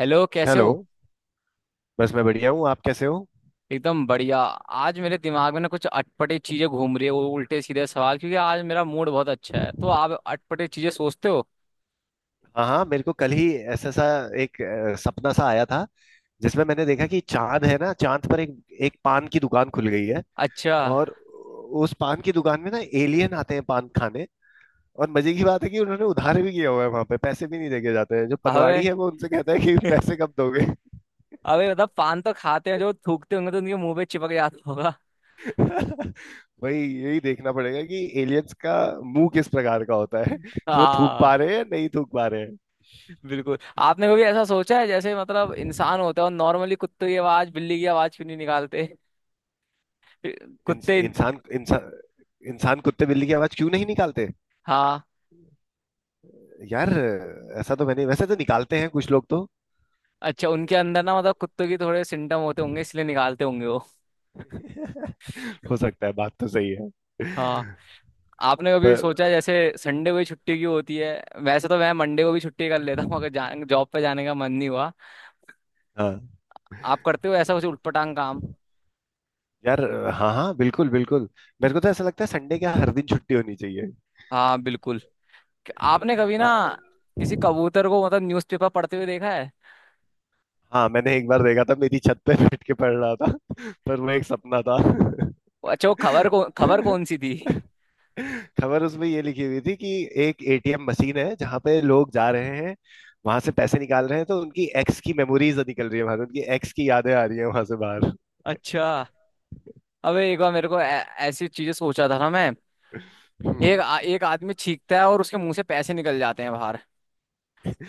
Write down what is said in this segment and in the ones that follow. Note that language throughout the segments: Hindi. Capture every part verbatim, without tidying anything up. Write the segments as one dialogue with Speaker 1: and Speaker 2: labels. Speaker 1: हेलो, कैसे
Speaker 2: हेलो।
Speaker 1: हो?
Speaker 2: बस मैं बढ़िया हूँ, आप कैसे हो?
Speaker 1: एकदम बढ़िया। आज मेरे दिमाग में ना कुछ अटपटे चीजें घूम रही है, वो उल्टे सीधे सवाल, क्योंकि आज मेरा मूड बहुत अच्छा है। तो आप अटपटे चीजें सोचते हो?
Speaker 2: हाँ हाँ, मेरे को कल ही ऐसा सा एक अ, सपना सा आया था जिसमें मैंने देखा कि चांद है ना, चांद पर एक एक पान की दुकान खुल गई है।
Speaker 1: अच्छा।
Speaker 2: और उस पान की दुकान में ना एलियन आते हैं पान खाने। और मजे की बात है कि उन्होंने उधार भी किया हुआ है, वहां पे पैसे भी नहीं देके जाते हैं। जो
Speaker 1: अबे
Speaker 2: पनवाड़ी है वो उनसे कहता है कि पैसे कब दोगे।
Speaker 1: अबे मतलब पान तो खाते हैं, जो थूकते होंगे तो उनके मुंह पे चिपक जाता होगा।
Speaker 2: वही, यही देखना पड़ेगा कि एलियंस का मुंह किस प्रकार का होता है, कि वो थूक पा
Speaker 1: हाँ।
Speaker 2: रहे हैं या नहीं थूक पा रहे।
Speaker 1: बिल्कुल। आपने कभी ऐसा सोचा है जैसे मतलब इंसान होता है और नॉर्मली कुत्ते की आवाज, बिल्ली की आवाज क्यों नहीं निकालते?
Speaker 2: इंस,
Speaker 1: कुत्ते।
Speaker 2: इंसान इंसान इंसान कुत्ते बिल्ली की आवाज क्यों नहीं निकालते?
Speaker 1: हाँ।
Speaker 2: यार, ऐसा तो मैंने, वैसे तो निकालते हैं कुछ लोग तो।
Speaker 1: अच्छा, उनके अंदर ना मतलब कुत्तों की थोड़े सिम्टम होते होंगे इसलिए निकालते होंगे वो।
Speaker 2: हो सकता है, बात तो सही है।
Speaker 1: हाँ। आपने कभी
Speaker 2: पर
Speaker 1: सोचा जैसे संडे को ही छुट्टी क्यों होती है? वैसे तो मैं मंडे को भी छुट्टी कर लेता हूँ अगर जा, जॉब पे जाने का मन नहीं हुआ।
Speaker 2: हाँ
Speaker 1: आप करते हो ऐसा कुछ उटपटांग काम?
Speaker 2: यार, हाँ हाँ बिल्कुल बिल्कुल, मेरे को तो ऐसा लगता है संडे क्या हर दिन छुट्टी होनी चाहिए।
Speaker 1: हाँ, बिल्कुल। आपने कभी ना
Speaker 2: आ,
Speaker 1: किसी कबूतर को मतलब न्यूज़पेपर पढ़ते हुए देखा है?
Speaker 2: हाँ, मैंने एक बार देखा था, मेरी छत पे बैठ के पढ़ रहा था। पर वो एक सपना था।
Speaker 1: अच्छा, वो खबर को खबर कौन सी थी?
Speaker 2: खबर उसमें ये लिखी हुई थी कि एक एटीएम मशीन है जहां पे लोग जा रहे हैं, वहां से पैसे निकाल रहे हैं, तो उनकी एक्स की मेमोरीज निकल रही है वहां से, उनकी एक्स की यादें आ रही है वहां से बाहर।
Speaker 1: अच्छा, अबे एक बार मेरे को ऐ- ऐसी चीजें सोचा था ना मैं, एक
Speaker 2: हम्म।
Speaker 1: आ- एक आदमी छींकता है और उसके मुंह से पैसे निकल जाते हैं बाहर।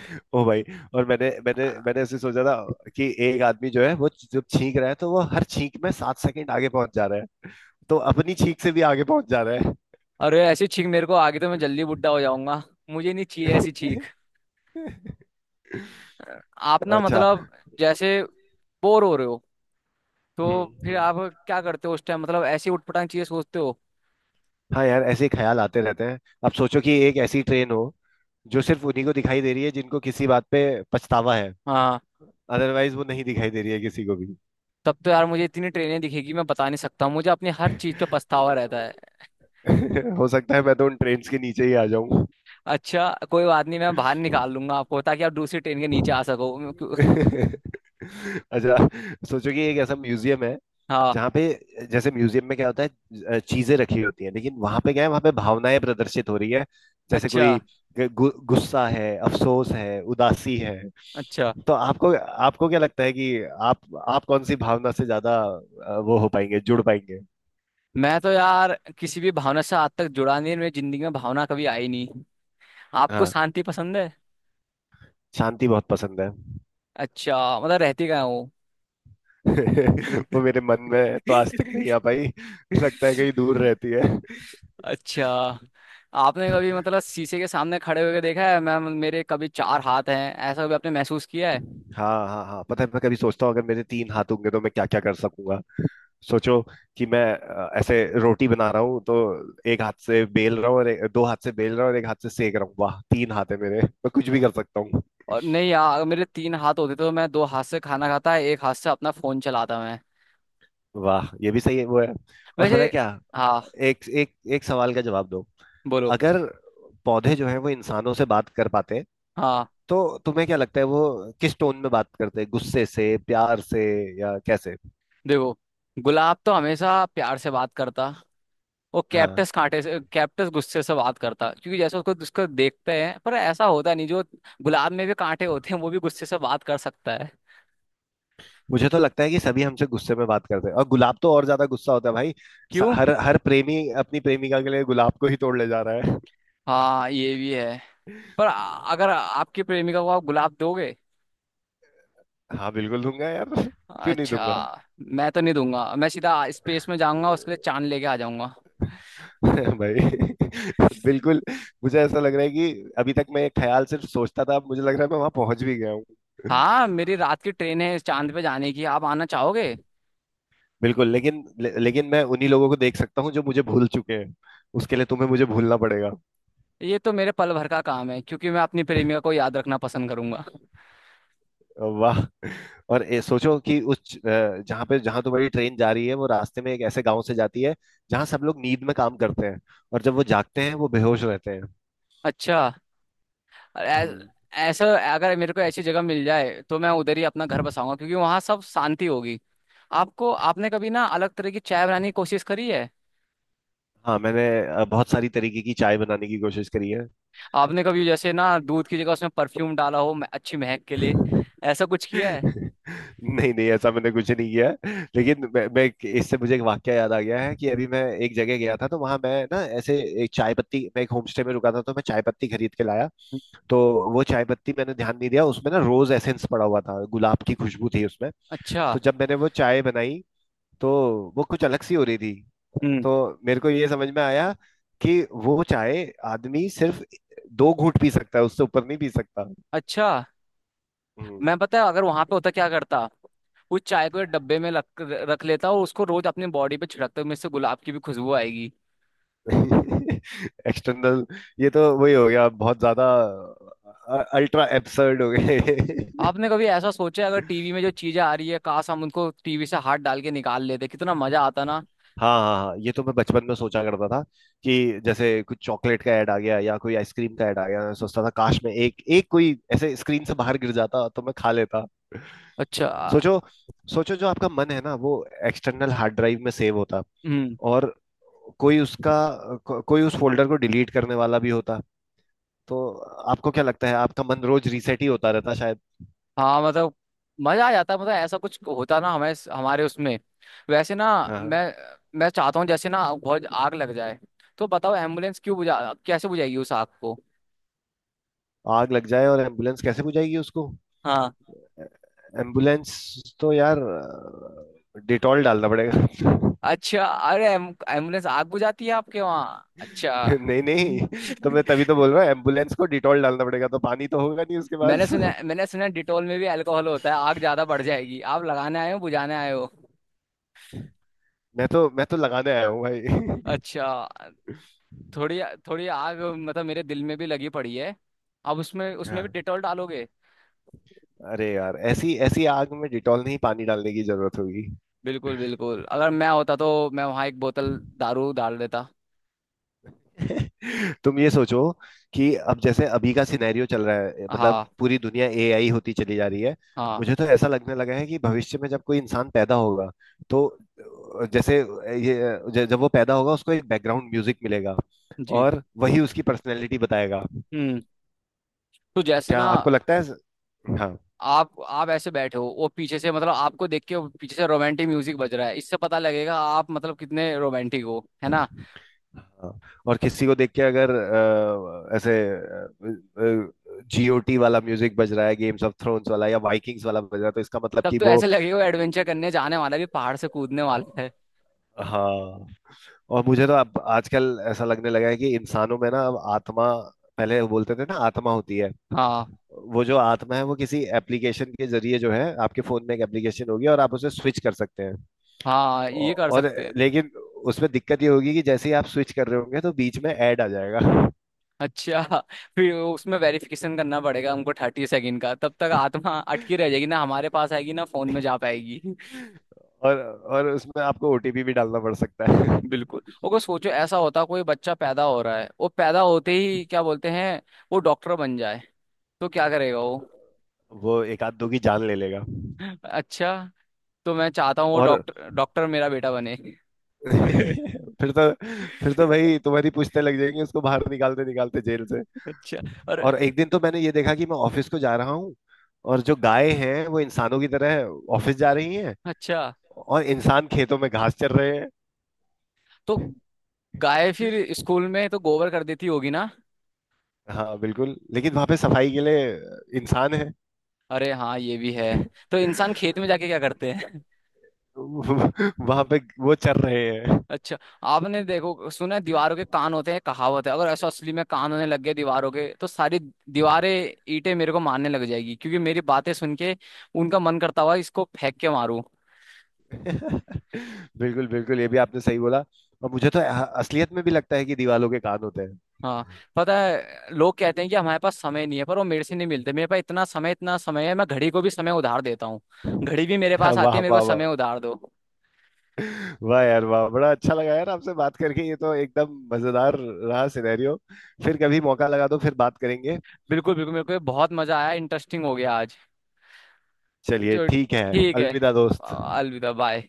Speaker 2: ओ भाई, और मैंने मैंने मैंने ऐसे सोचा था कि एक आदमी जो है, वो जब छींक रहा है तो वो हर छींक में सात सेकंड आगे पहुंच जा रहा है, तो अपनी छींक से भी आगे पहुंच जा रहा
Speaker 1: अरे ऐसी छींक मेरे को, आगे तो मैं जल्दी बुड्ढा हो जाऊंगा। मुझे नहीं चाहिए ऐसी
Speaker 2: है।
Speaker 1: छींक। आप ना
Speaker 2: अच्छा।
Speaker 1: मतलब जैसे बोर हो रहे हो तो
Speaker 2: हम्म
Speaker 1: फिर
Speaker 2: हम्म।
Speaker 1: आप क्या करते हो उस टाइम? मतलब ऐसी उठपटांग चीजें सोचते हो?
Speaker 2: हाँ यार, ऐसे ही ख्याल आते रहते हैं। अब सोचो कि एक ऐसी ट्रेन हो जो सिर्फ उन्हीं को दिखाई दे रही है जिनको किसी बात पे पछतावा है।
Speaker 1: हाँ,
Speaker 2: अदरवाइज वो नहीं दिखाई दे रही है किसी को भी।
Speaker 1: तब तो यार मुझे इतनी ट्रेनें दिखेगी, मैं बता नहीं सकता हूँ, मुझे अपनी हर चीज पे पछतावा रहता है।
Speaker 2: हो सकता है मैं तो उन ट्रेन्स के नीचे ही आ जाऊं।
Speaker 1: अच्छा, कोई बात नहीं, मैं बाहर निकाल लूंगा आपको ताकि आप दूसरी ट्रेन के नीचे आ सको। मैं क्यों-
Speaker 2: अच्छा, सोचो कि एक ऐसा म्यूजियम है
Speaker 1: हाँ।
Speaker 2: जहाँ पे, जैसे म्यूजियम में क्या होता है, अ, चीजें रखी होती हैं, लेकिन वहां पे क्या है, वहां पे भावनाएं प्रदर्शित हो रही है। जैसे
Speaker 1: अच्छा।
Speaker 2: कोई गु, गुस्सा है, अफसोस है, उदासी है।
Speaker 1: अच्छा,
Speaker 2: तो आपको, आपको क्या लगता है कि आप आप कौन सी भावना से ज्यादा अ, वो हो पाएंगे, जुड़ पाएंगे?
Speaker 1: मैं तो यार किसी भी भावना से आज तक जुड़ा नहीं, मेरी जिंदगी में भावना कभी आई नहीं। आपको
Speaker 2: हाँ,
Speaker 1: शांति पसंद है?
Speaker 2: शांति बहुत पसंद है।
Speaker 1: अच्छा, मतलब रहती कहाँ हो?
Speaker 2: वो मेरे मन में तो आज तक नहीं आ पाई। लगता है कहीं दूर रहती है।
Speaker 1: अच्छा, आपने कभी मतलब शीशे के सामने खड़े होकर देखा है, मैम मेरे कभी चार हाथ हैं, ऐसा कभी आपने महसूस किया है?
Speaker 2: हाँ हाँ हाँ, पता है, मैं कभी सोचता हूँ अगर मेरे तीन हाथ होंगे तो मैं क्या क्या कर सकूंगा। सोचो कि मैं अ, ऐसे रोटी बना रहा हूँ, तो एक हाथ से बेल रहा हूँ, और एक- दो हाथ से बेल रहा हूँ और एक हाथ से सेक रहा हूँ। वाह, तीन हाथ है मेरे, मैं कुछ भी कर सकता हूँ।
Speaker 1: और नहीं यार, अगर मेरे तीन हाथ होते तो मैं दो हाथ से खाना खाता, एक हाथ से अपना फोन चलाता मैं।
Speaker 2: वाह, ये भी सही है, वो है। और पता
Speaker 1: वैसे,
Speaker 2: है क्या,
Speaker 1: हाँ।
Speaker 2: एक एक एक सवाल का जवाब दो।
Speaker 1: बोलो।
Speaker 2: अगर पौधे जो है वो इंसानों से बात कर पाते,
Speaker 1: हाँ।
Speaker 2: तो तुम्हें क्या लगता है वो किस टोन में बात करते हैं? गुस्से से, प्यार से, या कैसे?
Speaker 1: देखो, गुलाब तो हमेशा प्यार से बात करता। वो
Speaker 2: हाँ,
Speaker 1: कैप्टस कांटे से, कैप्टस गुस्से से बात करता क्योंकि जैसे उसको उसको देखते हैं, पर ऐसा होता नहीं। जो गुलाब में भी कांटे होते हैं वो भी गुस्से से बात कर सकता है।
Speaker 2: मुझे तो लगता है कि सभी हमसे गुस्से में बात करते हैं, और गुलाब तो और ज्यादा गुस्सा होता है भाई। स-
Speaker 1: क्यों?
Speaker 2: हर हर प्रेमी अपनी प्रेमिका के लिए गुलाब को ही तोड़ ले जा रहा है।
Speaker 1: हाँ, ये भी है। पर आ- अगर आपकी प्रेमिका को आप गुलाब दोगे?
Speaker 2: हाँ बिल्कुल दूंगा यार, क्यों नहीं
Speaker 1: अच्छा,
Speaker 2: दूंगा।
Speaker 1: मैं तो नहीं दूंगा, मैं सीधा स्पेस में जाऊंगा, उसके लिए चांद लेके आ जाऊंगा।
Speaker 2: भाई, बिल्कुल, मुझे ऐसा लग रहा है कि अभी तक मैं ये ख्याल सिर्फ सोचता था, अब मुझे लग रहा है मैं वहां पहुंच भी गया हूँ।
Speaker 1: हाँ, मेरी रात की ट्रेन है चांद पे जाने की, आप आना चाहोगे?
Speaker 2: बिल्कुल, लेकिन ले, लेकिन मैं उन्हीं लोगों को देख सकता हूँ जो मुझे भूल चुके हैं, उसके लिए तुम्हें मुझे भूलना पड़ेगा।
Speaker 1: ये तो मेरे पल भर का काम है, क्योंकि मैं अपनी प्रेमिका को याद रखना पसंद करूंगा।
Speaker 2: वाह, और ए, सोचो कि उस अ, जहाँ पे, जहाँ तो बड़ी ट्रेन जा रही है, वो रास्ते में एक ऐसे गांव से जाती है जहाँ सब लोग नींद में काम करते हैं, और जब वो जागते हैं वो बेहोश रहते हैं।
Speaker 1: अच्छा। ऐ-
Speaker 2: हम्म।
Speaker 1: ऐसा, अगर मेरे को ऐसी जगह मिल जाए तो मैं उधर ही अपना घर बसाऊंगा क्योंकि वहां सब शांति होगी। आपको, आपने कभी ना अलग तरह की चाय बनाने की कोशिश करी है?
Speaker 2: हाँ मैंने अ, बहुत सारी तरीके की चाय बनाने की कोशिश करी
Speaker 1: आपने कभी जैसे ना दूध की जगह उसमें परफ्यूम डाला हो, म- अच्छी महक के लिए,
Speaker 2: है।
Speaker 1: ऐसा कुछ किया है?
Speaker 2: नहीं नहीं, ऐसा मैंने कुछ नहीं किया है। लेकिन मैं, मैं एक- इससे मुझे एक वाक्य याद आ गया है कि अभी मैं एक जगह गया था, तो वहां मैं ना ऐसे एक चाय पत्ती, मैं एक होम स्टे में रुका था तो मैं चाय पत्ती खरीद के लाया। तो वो चाय पत्ती, मैंने ध्यान नहीं दिया, उसमें ना रोज एसेंस पड़ा हुआ था, गुलाब की खुशबू थी उसमें।
Speaker 1: अच्छा।
Speaker 2: तो जब मैंने वो चाय बनाई, तो वो कुछ अलग सी हो रही थी।
Speaker 1: हम्म।
Speaker 2: तो मेरे को ये समझ में आया कि वो चाय आदमी सिर्फ दो घूंट पी सकता है, उससे ऊपर नहीं पी सकता।
Speaker 1: अच्छा,
Speaker 2: हम्म।
Speaker 1: मैं पता है अगर वहां पे होता क्या करता, उस चाय को एक डब्बे में रख रख लेता और उसको रोज अपनी बॉडी पे छिड़कता हूँ, इससे गुलाब की भी खुशबू आएगी।
Speaker 2: एक्सटर्नल, ये तो वही हो गया, बहुत ज्यादा अल्ट्रा एब्सर्ड हो गए।
Speaker 1: आपने कभी ऐसा सोचा है, अगर टीवी में जो चीजें आ रही है काश हम उनको टीवी से हाथ डाल के निकाल लेते, कितना मजा आता ना?
Speaker 2: हाँ हाँ हाँ, ये तो मैं बचपन में सोचा करता था कि जैसे कुछ चॉकलेट का ऐड आ गया या कोई आइसक्रीम का ऐड आ गया, मैं सोचता था काश मैं एक एक कोई ऐसे स्क्रीन से बाहर गिर जाता तो मैं खा लेता।
Speaker 1: अच्छा।
Speaker 2: सोचो, सोचो जो आपका मन है ना, वो एक्सटर्नल हार्ड ड्राइव में सेव होता, और कोई उसका, को, कोई उस फोल्डर को डिलीट करने वाला भी होता, तो आपको क्या लगता है आपका मन रोज रीसेट ही होता रहता?
Speaker 1: हाँ मतलब मजा आ जाता है, मतलब ऐसा कुछ होता ना हमें हमारे उसमें। वैसे ना,
Speaker 2: हाँ।
Speaker 1: मैं मैं चाहता हूँ जैसे ना बहुत आग लग जाए, तो बताओ एम्बुलेंस क्यों बुझा कैसे बुझाएगी उस आग को?
Speaker 2: आग लग जाए और एम्बुलेंस कैसे बुझाएगी उसको?
Speaker 1: हाँ।
Speaker 2: एम्बुलेंस तो यार डिटॉल डालना पड़ेगा।
Speaker 1: अच्छा, अरे एम, एम्बुलेंस आग बुझाती है आपके वहाँ? अच्छा।
Speaker 2: नहीं
Speaker 1: हम्म।
Speaker 2: नहीं, तो मैं तभी तो बोल रहा हूँ एम्बुलेंस को डिटॉल डालना पड़ेगा, तो पानी तो होगा नहीं उसके
Speaker 1: मैंने
Speaker 2: पास।
Speaker 1: सुना मैंने सुना डिटोल में भी अल्कोहल होता है, आग ज्यादा बढ़ जाएगी, आप लगाने आए हो बुझाने आए हो।
Speaker 2: मैं तो मैं तो लगाने आया हूँ भाई।
Speaker 1: अच्छा, थोड़ी थोड़ी आग मतलब मेरे दिल में भी लगी पड़ी है। अब उसमें उसमें भी
Speaker 2: हाँ,
Speaker 1: डिटोल डालोगे?
Speaker 2: अरे यार, ऐसी ऐसी आग में डिटॉल नहीं, पानी डालने की जरूरत होगी।
Speaker 1: बिल्कुल बिल्कुल, अगर मैं होता तो मैं वहाँ एक बोतल दारू डाल देता।
Speaker 2: तुम ये सोचो कि अब जैसे अभी का सिनेरियो चल रहा है, मतलब
Speaker 1: हाँ।
Speaker 2: पूरी दुनिया एआई होती चली जा रही है।
Speaker 1: हाँ
Speaker 2: मुझे तो ऐसा लगने लगा है कि भविष्य में जब कोई इंसान पैदा होगा, तो अ, जैसे ये ज- जब वो पैदा होगा उसको एक बैकग्राउंड म्यूजिक मिलेगा,
Speaker 1: जी।
Speaker 2: और वही उसकी पर्सनैलिटी बताएगा।
Speaker 1: हम्म। तो जैसे
Speaker 2: क्या
Speaker 1: ना
Speaker 2: आपको लगता है? हाँ,
Speaker 1: आप आप ऐसे बैठे हो वो पीछे से मतलब आपको देख के वो पीछे से रोमांटिक म्यूजिक बज रहा है, इससे पता लगेगा आप मतलब कितने रोमांटिक हो, है ना?
Speaker 2: हाँ, और किसी को देख के अगर अ, ऐसे जीओटी वाला म्यूजिक बज रहा है, गेम्स ऑफ थ्रोन्स वाला या वाइकिंग्स वाला बज रहा है, तो इसका मतलब
Speaker 1: तब
Speaker 2: कि
Speaker 1: तो
Speaker 2: वो,
Speaker 1: ऐसे लगेगा वो एडवेंचर करने जाने वाला है, ये पहाड़ से कूदने वाला है।
Speaker 2: हाँ। और मुझे तो अब आजकल ऐसा लगने लगा है कि इंसानों में ना अब आत्मा, पहले बोलते थे ना आत्मा होती है,
Speaker 1: हाँ,
Speaker 2: वो जो आत्मा है वो किसी एप्लीकेशन के जरिए, जो है आपके फोन में एक एप्लीकेशन होगी और आप उसे स्विच कर सकते हैं।
Speaker 1: हाँ
Speaker 2: औ-
Speaker 1: ये कर
Speaker 2: और
Speaker 1: सकते हैं।
Speaker 2: लेकिन उसमें दिक्कत ये होगी कि जैसे ही आप स्विच कर रहे होंगे तो बीच में ऐड आ जाएगा।
Speaker 1: अच्छा, फिर उसमें वेरिफिकेशन करना पड़ेगा हमको थर्टी सेकंड का, तब तक आत्मा अटकी रह जाएगी, ना हमारे पास आएगी ना फोन में जा पाएगी।
Speaker 2: और और उसमें आपको ओटीपी भी डालना पड़ सकता है।
Speaker 1: बिल्कुल, वो को सोचो ऐसा होता कोई बच्चा पैदा हो रहा है वो पैदा होते ही क्या बोलते हैं, वो डॉक्टर बन जाए तो क्या करेगा वो?
Speaker 2: वो एक आध दो की जान ले लेगा।
Speaker 1: अच्छा, तो मैं चाहता हूँ वो
Speaker 2: और
Speaker 1: डॉक्टर डॉक्टर मेरा बेटा बने।
Speaker 2: फिर तो, फिर तो भाई तुम्हारी पूछते लग जाएंगे उसको बाहर निकालते निकालते जेल से।
Speaker 1: अच्छा। और।
Speaker 2: और एक दिन तो मैंने ये देखा कि मैं ऑफिस को जा रहा हूँ, और जो गायें हैं वो इंसानों की तरह ऑफिस जा रही हैं,
Speaker 1: अच्छा,
Speaker 2: और इंसान खेतों में घास चर रहे।
Speaker 1: तो गाय फिर स्कूल में तो गोबर कर देती होगी ना?
Speaker 2: हाँ बिल्कुल, लेकिन वहां पे सफाई के लिए इंसान है।
Speaker 1: अरे हाँ, ये भी है। तो इंसान खेत में जाके क्या करते?
Speaker 2: वहां पे वो चर रहे हैं।
Speaker 1: अच्छा, आपने देखो सुना है, दीवारों के कान होते हैं कहावत है, अगर ऐसा असली में कान होने लग गए दीवारों के तो सारी दीवारें, ईंटें मेरे को मारने लग जाएगी क्योंकि मेरी बातें सुन के उनका मन करता हुआ इसको फेंक के मारूं।
Speaker 2: बिल्कुल बिल्कुल, ये भी आपने सही बोला। और मुझे तो असलियत में भी लगता है कि दीवालों के कान होते हैं।
Speaker 1: हाँ, पता है लोग कहते हैं कि हमारे पास समय नहीं है, पर वो मेरे से नहीं मिलते, मेरे पास इतना समय इतना समय है, मैं घड़ी को भी समय उधार देता हूँ। घड़ी भी मेरे पास आती
Speaker 2: वाह
Speaker 1: है, मेरे को
Speaker 2: वाह
Speaker 1: समय
Speaker 2: वाह,
Speaker 1: उधार दो।
Speaker 2: वाह यार वाह, बड़ा अच्छा लगा यार आपसे बात करके, ये तो एकदम मजेदार रहा सिनेरियो। फिर कभी मौका लगा तो फिर बात करेंगे।
Speaker 1: बिल्कुल बिल्कुल, मेरे को ये बहुत मजा आया, इंटरेस्टिंग हो गया आज।
Speaker 2: चलिए
Speaker 1: जो
Speaker 2: ठीक है।
Speaker 1: ठीक है।
Speaker 2: अलविदा दोस्त।
Speaker 1: अलविदा, बाय।